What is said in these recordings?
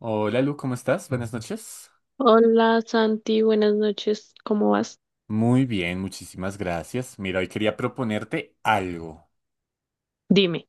Hola Lu, ¿cómo estás? Buenas noches. Hola Santi, buenas noches, ¿cómo vas? Muy bien, muchísimas gracias. Mira, hoy quería proponerte algo. Dime.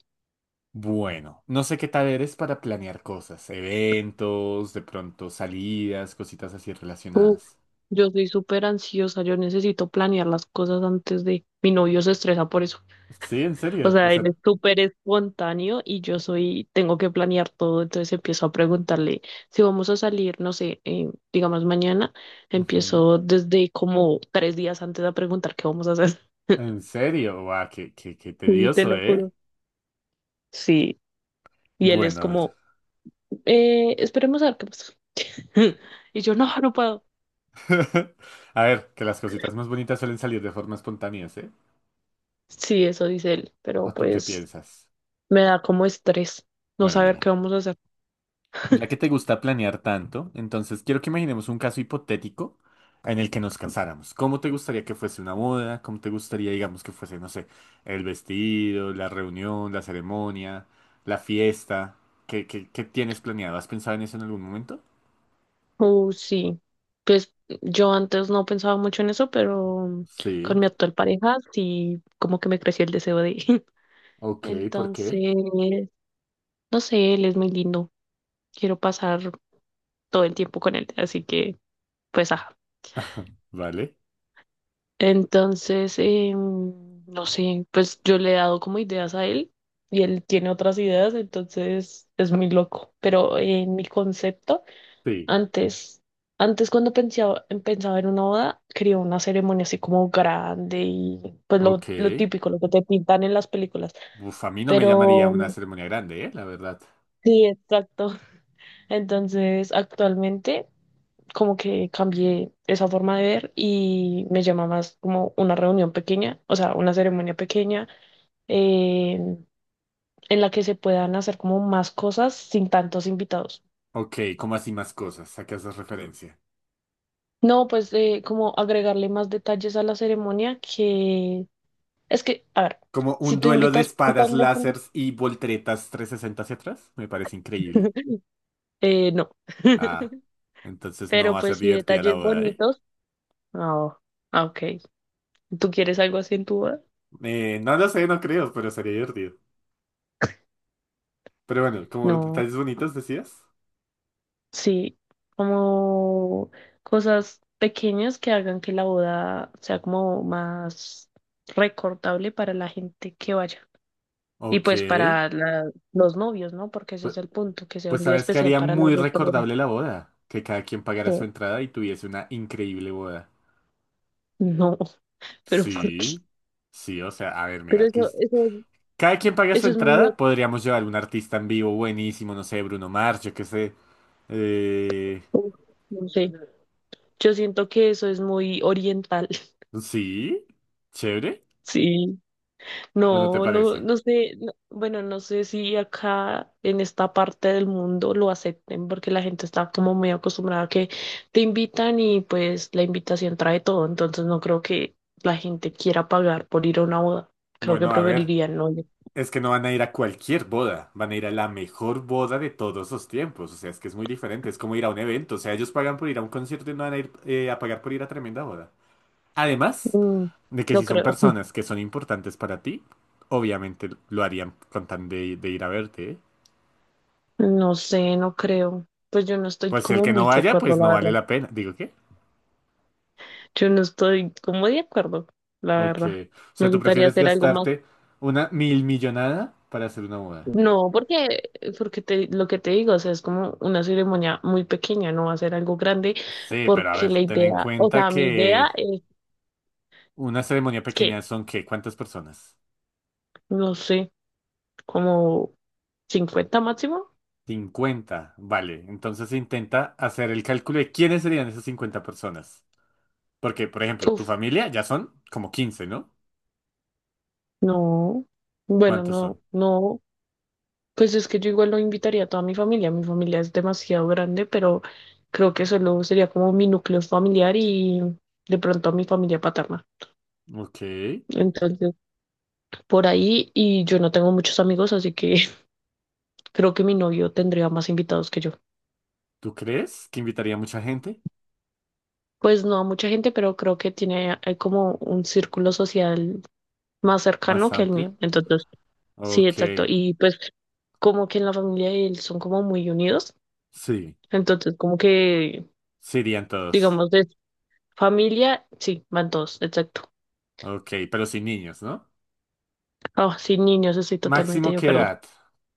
Bueno, no sé qué tal eres para planear cosas, eventos, de pronto salidas, cositas así Uf, relacionadas. yo soy súper ansiosa, yo necesito planear las cosas antes de... Mi novio se estresa por eso. Sí, en O serio, o sea, él sea, es súper espontáneo y yo soy, tengo que planear todo, entonces empiezo a preguntarle si vamos a salir, no sé, digamos mañana, ujú. empiezo desde como 3 días antes a preguntar qué vamos a hacer. En serio, guau, qué Sí, te tedioso, lo ¿eh? juro. Sí, y él es Bueno, a ver. como, esperemos a ver qué pasa. Y yo, no, no puedo. A ver, que las cositas más bonitas suelen salir de forma espontánea, ¿eh? Sí, eso dice él, pero ¿O tú qué pues piensas? me da como estrés no Bueno, saber mira. qué vamos a hacer. Ya que te gusta planear tanto, entonces quiero que imaginemos un caso hipotético en el que nos casáramos. ¿Cómo te gustaría que fuese una boda? ¿Cómo te gustaría, digamos, que fuese, no sé, el vestido, la reunión, la ceremonia, la fiesta? ¿Qué tienes planeado? ¿Has pensado en eso en algún momento? Sí, pues yo antes no pensaba mucho en eso, pero Sí. con mi actual pareja sí, como que me creció el deseo de... Ok, ¿por qué? Entonces, no sé, él es muy lindo, quiero pasar todo el tiempo con él, así que pues ajá. Vale. Entonces, no sé, pues yo le he dado como ideas a él y él tiene otras ideas, entonces es muy loco, pero en mi concepto... Sí. Antes, antes cuando pensaba en una boda, quería una ceremonia así como grande y pues lo, Ok. lo típico, lo que te pintan en las películas. Uf, a mí no me llamaría Pero una ceremonia grande, ¿eh? La verdad. sí, exacto. Entonces, actualmente como que cambié esa forma de ver y me llama más como una reunión pequeña, o sea, una ceremonia pequeña en la que se puedan hacer como más cosas sin tantos invitados. Ok, ¿cómo así más cosas? ¿A qué haces referencia? No, pues como agregarle más detalles a la ceremonia que es que, a ver, Como si un tú duelo de invitas un espadas, montón de gente, lásers y volteretas 360 hacia atrás. Me parece increíble. No. Ah, entonces no Pero va a ser pues sí, divertida la detalles boda, ¿eh? bonitos. Oh, ah, ok. ¿Tú quieres algo así en tu boda? No lo sé, no creo, pero sería divertido. Pero bueno, como No. detalles bonitos decías. Sí, como cosas pequeñas que hagan que la boda sea como más recordable para la gente que vaya. Y Ok. pues para la- los novios, ¿no? Porque ese Pu- es el punto, que sea Pues, un día sabes que especial haría para las muy dos personas. recordable la boda. Que cada quien pagara su ¿Qué? entrada y tuviese una increíble boda. No, pero ¿por qué? Sí. Sí, o sea, a ver, Pero mira, que cada quien paga su eso es muy entrada, podríamos llevar un artista en vivo buenísimo, no sé, Bruno Mars, yo qué sé. Eh, Uf, no sé, yo siento que eso es muy oriental, Sí, chévere, sí. ¿o no te parece? No sé, no- bueno, no sé si acá en esta parte del mundo lo acepten porque la gente está como muy acostumbrada a que te invitan y pues la invitación trae todo, entonces no creo que la gente quiera pagar por ir a una boda. Creo que Bueno, a ver, preferirían no ir. es que no van a ir a cualquier boda, van a ir a la mejor boda de todos los tiempos, o sea, es que es muy diferente, es como ir a un evento, o sea, ellos pagan por ir a un concierto y no van a ir a pagar por ir a tremenda boda. Además Mm, de que si no son creo, personas que son importantes para ti, obviamente lo harían con tan de ir a verte, ¿eh? no sé, no creo. Pues yo no estoy Pues si el como que muy no de vaya, acuerdo, pues la no vale verdad. la pena, digo, ¿qué? Yo no estoy como de acuerdo, la Ok, verdad. o sea, Me ¿tú gustaría prefieres hacer algo más. gastarte una mil millonada para hacer una boda? No, porque te, lo que te digo, o sea, es como una ceremonia muy pequeña, no va a ser algo grande, Sí, pero a porque ver, la ten en idea, o cuenta sea, mi idea que es una ceremonia que, pequeña son ¿qué? ¿Cuántas personas? no sé, como 50 máximo. 50, vale. Entonces intenta hacer el cálculo de quiénes serían esas 50 personas. Porque, por ejemplo, tu Uf, familia ya son como 15, ¿no? no, bueno, ¿Cuántos no, son? no, pues es que yo igual lo invitaría a toda mi familia es demasiado grande, pero creo que solo sería como mi núcleo familiar y de pronto a mi familia paterna. Ok. Entonces, por ahí y yo no tengo muchos amigos, así que creo que mi novio tendría más invitados que yo. ¿Tú crees que invitaría mucha gente? Pues no a mucha gente, pero creo que tiene como un círculo social más cercano Más que el amplio. mío. Entonces, sí, Ok. exacto. Y pues como que en la familia de él son como muy unidos. Sí. Entonces, como que, Sí irían todos. digamos, de familia, sí, van todos, exacto. Ok, pero sin niños, ¿no? Ah, sin niños, estoy totalmente Máximo de qué acuerdo. edad.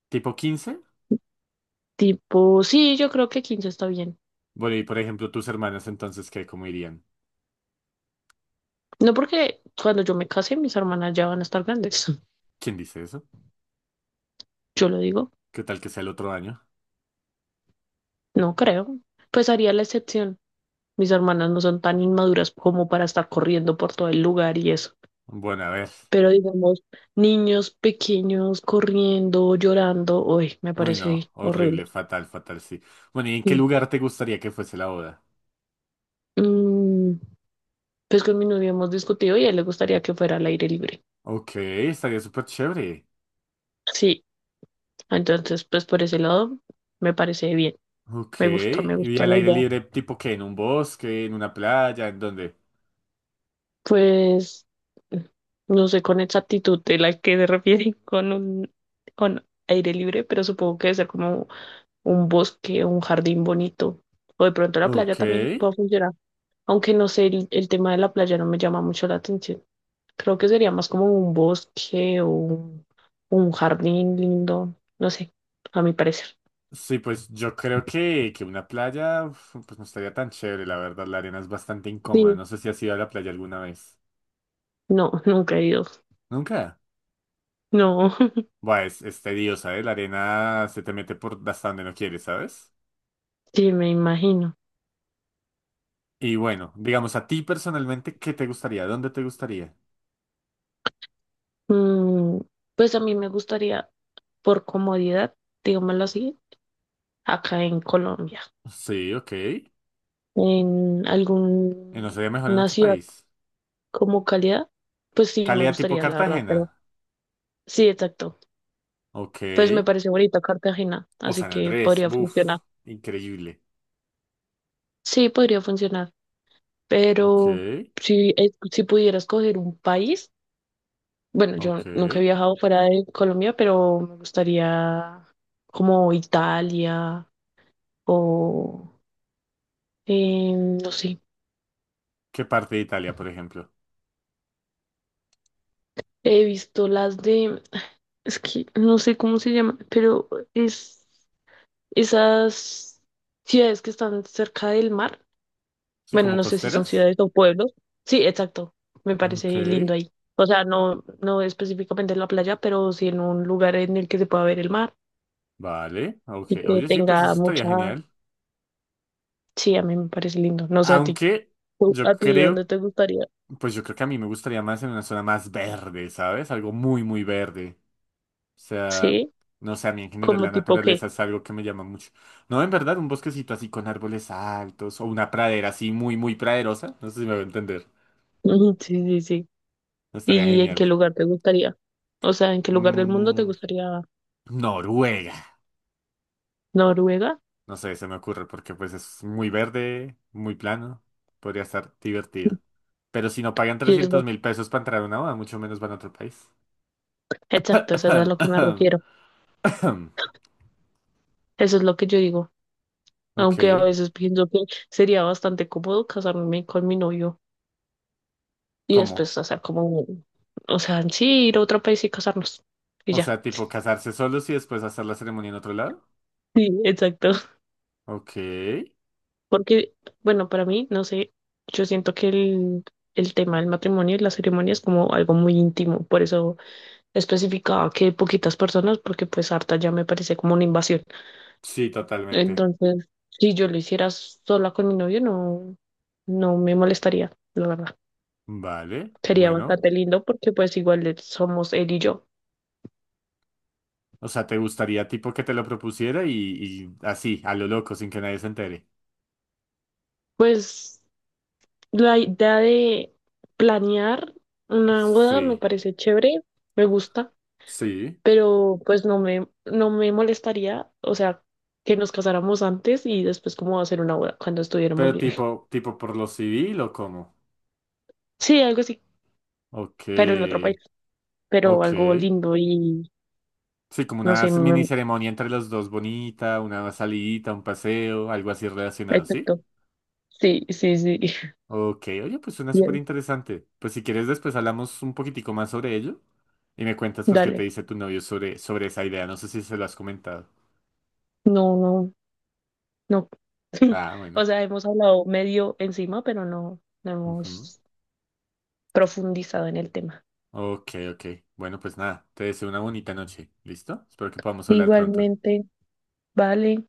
¿Tipo 15? Tipo, sí, yo creo que 15 está bien. Bueno, y por ejemplo, tus hermanas entonces, ¿qué? ¿Cómo irían? No, porque cuando yo me case, mis hermanas ya van a estar grandes. ¿Quién dice eso? Yo lo digo. ¿Qué tal que sea el otro año? No creo. Pues haría la excepción. Mis hermanas no son tan inmaduras como para estar corriendo por todo el lugar y eso. Bueno, a ver. Pero digamos, niños pequeños corriendo, llorando, uy, me Uy, no, parece horrible. horrible, fatal, fatal, sí. Bueno, ¿y en qué Sí. lugar te gustaría que fuese la boda? Mm, pues con mi novio hemos discutido y a él le gustaría que fuera al aire libre. Ok, estaría súper chévere. Sí, entonces pues por ese lado me parece bien. Ok, Me ¿y gusta al la aire idea. libre tipo qué? ¿En un bosque? ¿En una playa? ¿En dónde? Pues no sé con exactitud de la que se refieren con un con aire libre, pero supongo que debe ser como un bosque o un jardín bonito. O de pronto la playa Ok, también puede funcionar. Aunque no sé, el tema de la playa no me llama mucho la atención. Creo que sería más como un bosque o un jardín lindo. No sé, a mi parecer. sí, pues yo creo que, una playa uf, pues no estaría tan chévere, la verdad, la arena es bastante incómoda. Sí, No sé si has ido a la playa alguna vez. no, nunca he ido. ¿Nunca? No, Buah, es tediosa, ¿eh? La arena se te mete por hasta donde no quieres, ¿sabes? sí, me imagino. Y bueno, digamos, a ti personalmente, ¿qué te gustaría? ¿Dónde te gustaría? Mm, pues a mí me gustaría por comodidad, digámoslo así, acá en Colombia. Sí, ok. ¿Y En no sería mejor en alguna otro ciudad país? como calidad, pues sí, me Calidad tipo gustaría, la verdad, pero Cartagena. sí, exacto. Ok. Pues me parece bonita Cartagena, O así San que Andrés. podría funcionar. Buf. Increíble. Sí, podría funcionar, Ok. pero si pudiera escoger un país, bueno, yo Ok. nunca he viajado fuera de Colombia, pero me gustaría como Italia o, no sé, ¿Qué parte de Italia, por ejemplo? he visto las de... Es que no sé cómo se llama, pero es esas ciudades que están cerca del mar. Sí, Bueno, como no sé si son costeras. ciudades o pueblos. Sí, exacto. Me parece Ok. lindo ahí. O sea, no, no específicamente en la playa, pero sí en un lugar en el que se pueda ver el mar Vale. Ok. y que Oye, sí, pues eso tenga estaría mucha... genial. Sí, a mí me parece lindo. No sé a ti. Aunque ¿Tú- yo ¿A ti dónde creo, te gustaría? pues yo creo que a mí me gustaría más en una zona más verde, ¿sabes? Algo muy, muy verde. O sea, Sí, no sé, a mí en general como la tipo qué. naturaleza es algo que me llama mucho. No, en verdad, un bosquecito así con árboles altos o una pradera así muy, muy praderosa. No sé si me va a entender. Ujú, sí, sí, sí. Estaría ¿Y en qué genial. lugar te gustaría? O sea, ¿en qué lugar del mundo te Mm, gustaría Noruega. Noruega? No sé, se me ocurre porque pues es muy verde, muy plano. Podría estar divertido. Pero si no pagan Y es 300.000 pesos para entrar a una boda, mucho menos van a otro país. exacto, eso es a lo que me refiero. Eso es lo que yo digo. Ok, Aunque a veces pienso que sería bastante cómodo casarme con mi novio y ¿cómo? después hacer como, un- o sea, en sí, ir a otro país y casarnos. Y O ya. sea, tipo casarse solos y después hacer la ceremonia en otro lado. Sí, exacto. Ok. Porque, bueno, para mí, no sé, yo siento que el tema del matrimonio y la ceremonia es como algo muy íntimo. Por eso especificaba que poquitas personas, porque pues harta ya me parece como una invasión. Sí, totalmente. Entonces, si yo lo hiciera sola con mi novio, no, no me molestaría, la verdad. Vale, Sería bueno. bastante lindo porque pues igual le- somos él y yo. O sea, ¿te gustaría tipo que te lo propusiera y así, a lo loco, sin que nadie se entere? Pues la idea de planear una boda me Sí, parece chévere, me gusta, sí. pero pues no me molestaría, o sea, que nos casáramos antes y después cómo hacer una boda cuando estuviéramos Pero bien. tipo por lo civil o cómo? Sí, algo así, Ok, pero en otro país, pero ok. algo lindo y Sí, como no una sé, mini me- ceremonia entre los dos bonita, una salidita, un paseo, algo así relacionado, ¿sí? exacto. Sí, sí, sí. Ok, oye, pues suena súper Y interesante. Pues si quieres después hablamos un poquitico más sobre ello y me cuentas pues qué te dale, dice tu novio sobre, esa idea. No sé si se lo has comentado. no, no, no. Ah, bueno. O sea, hemos hablado medio encima, pero no Ujú. hemos profundizado en el tema. Ok, ok. Bueno, pues nada, te deseo una bonita noche. ¿Listo? Espero que podamos hablar pronto. Igualmente, vale.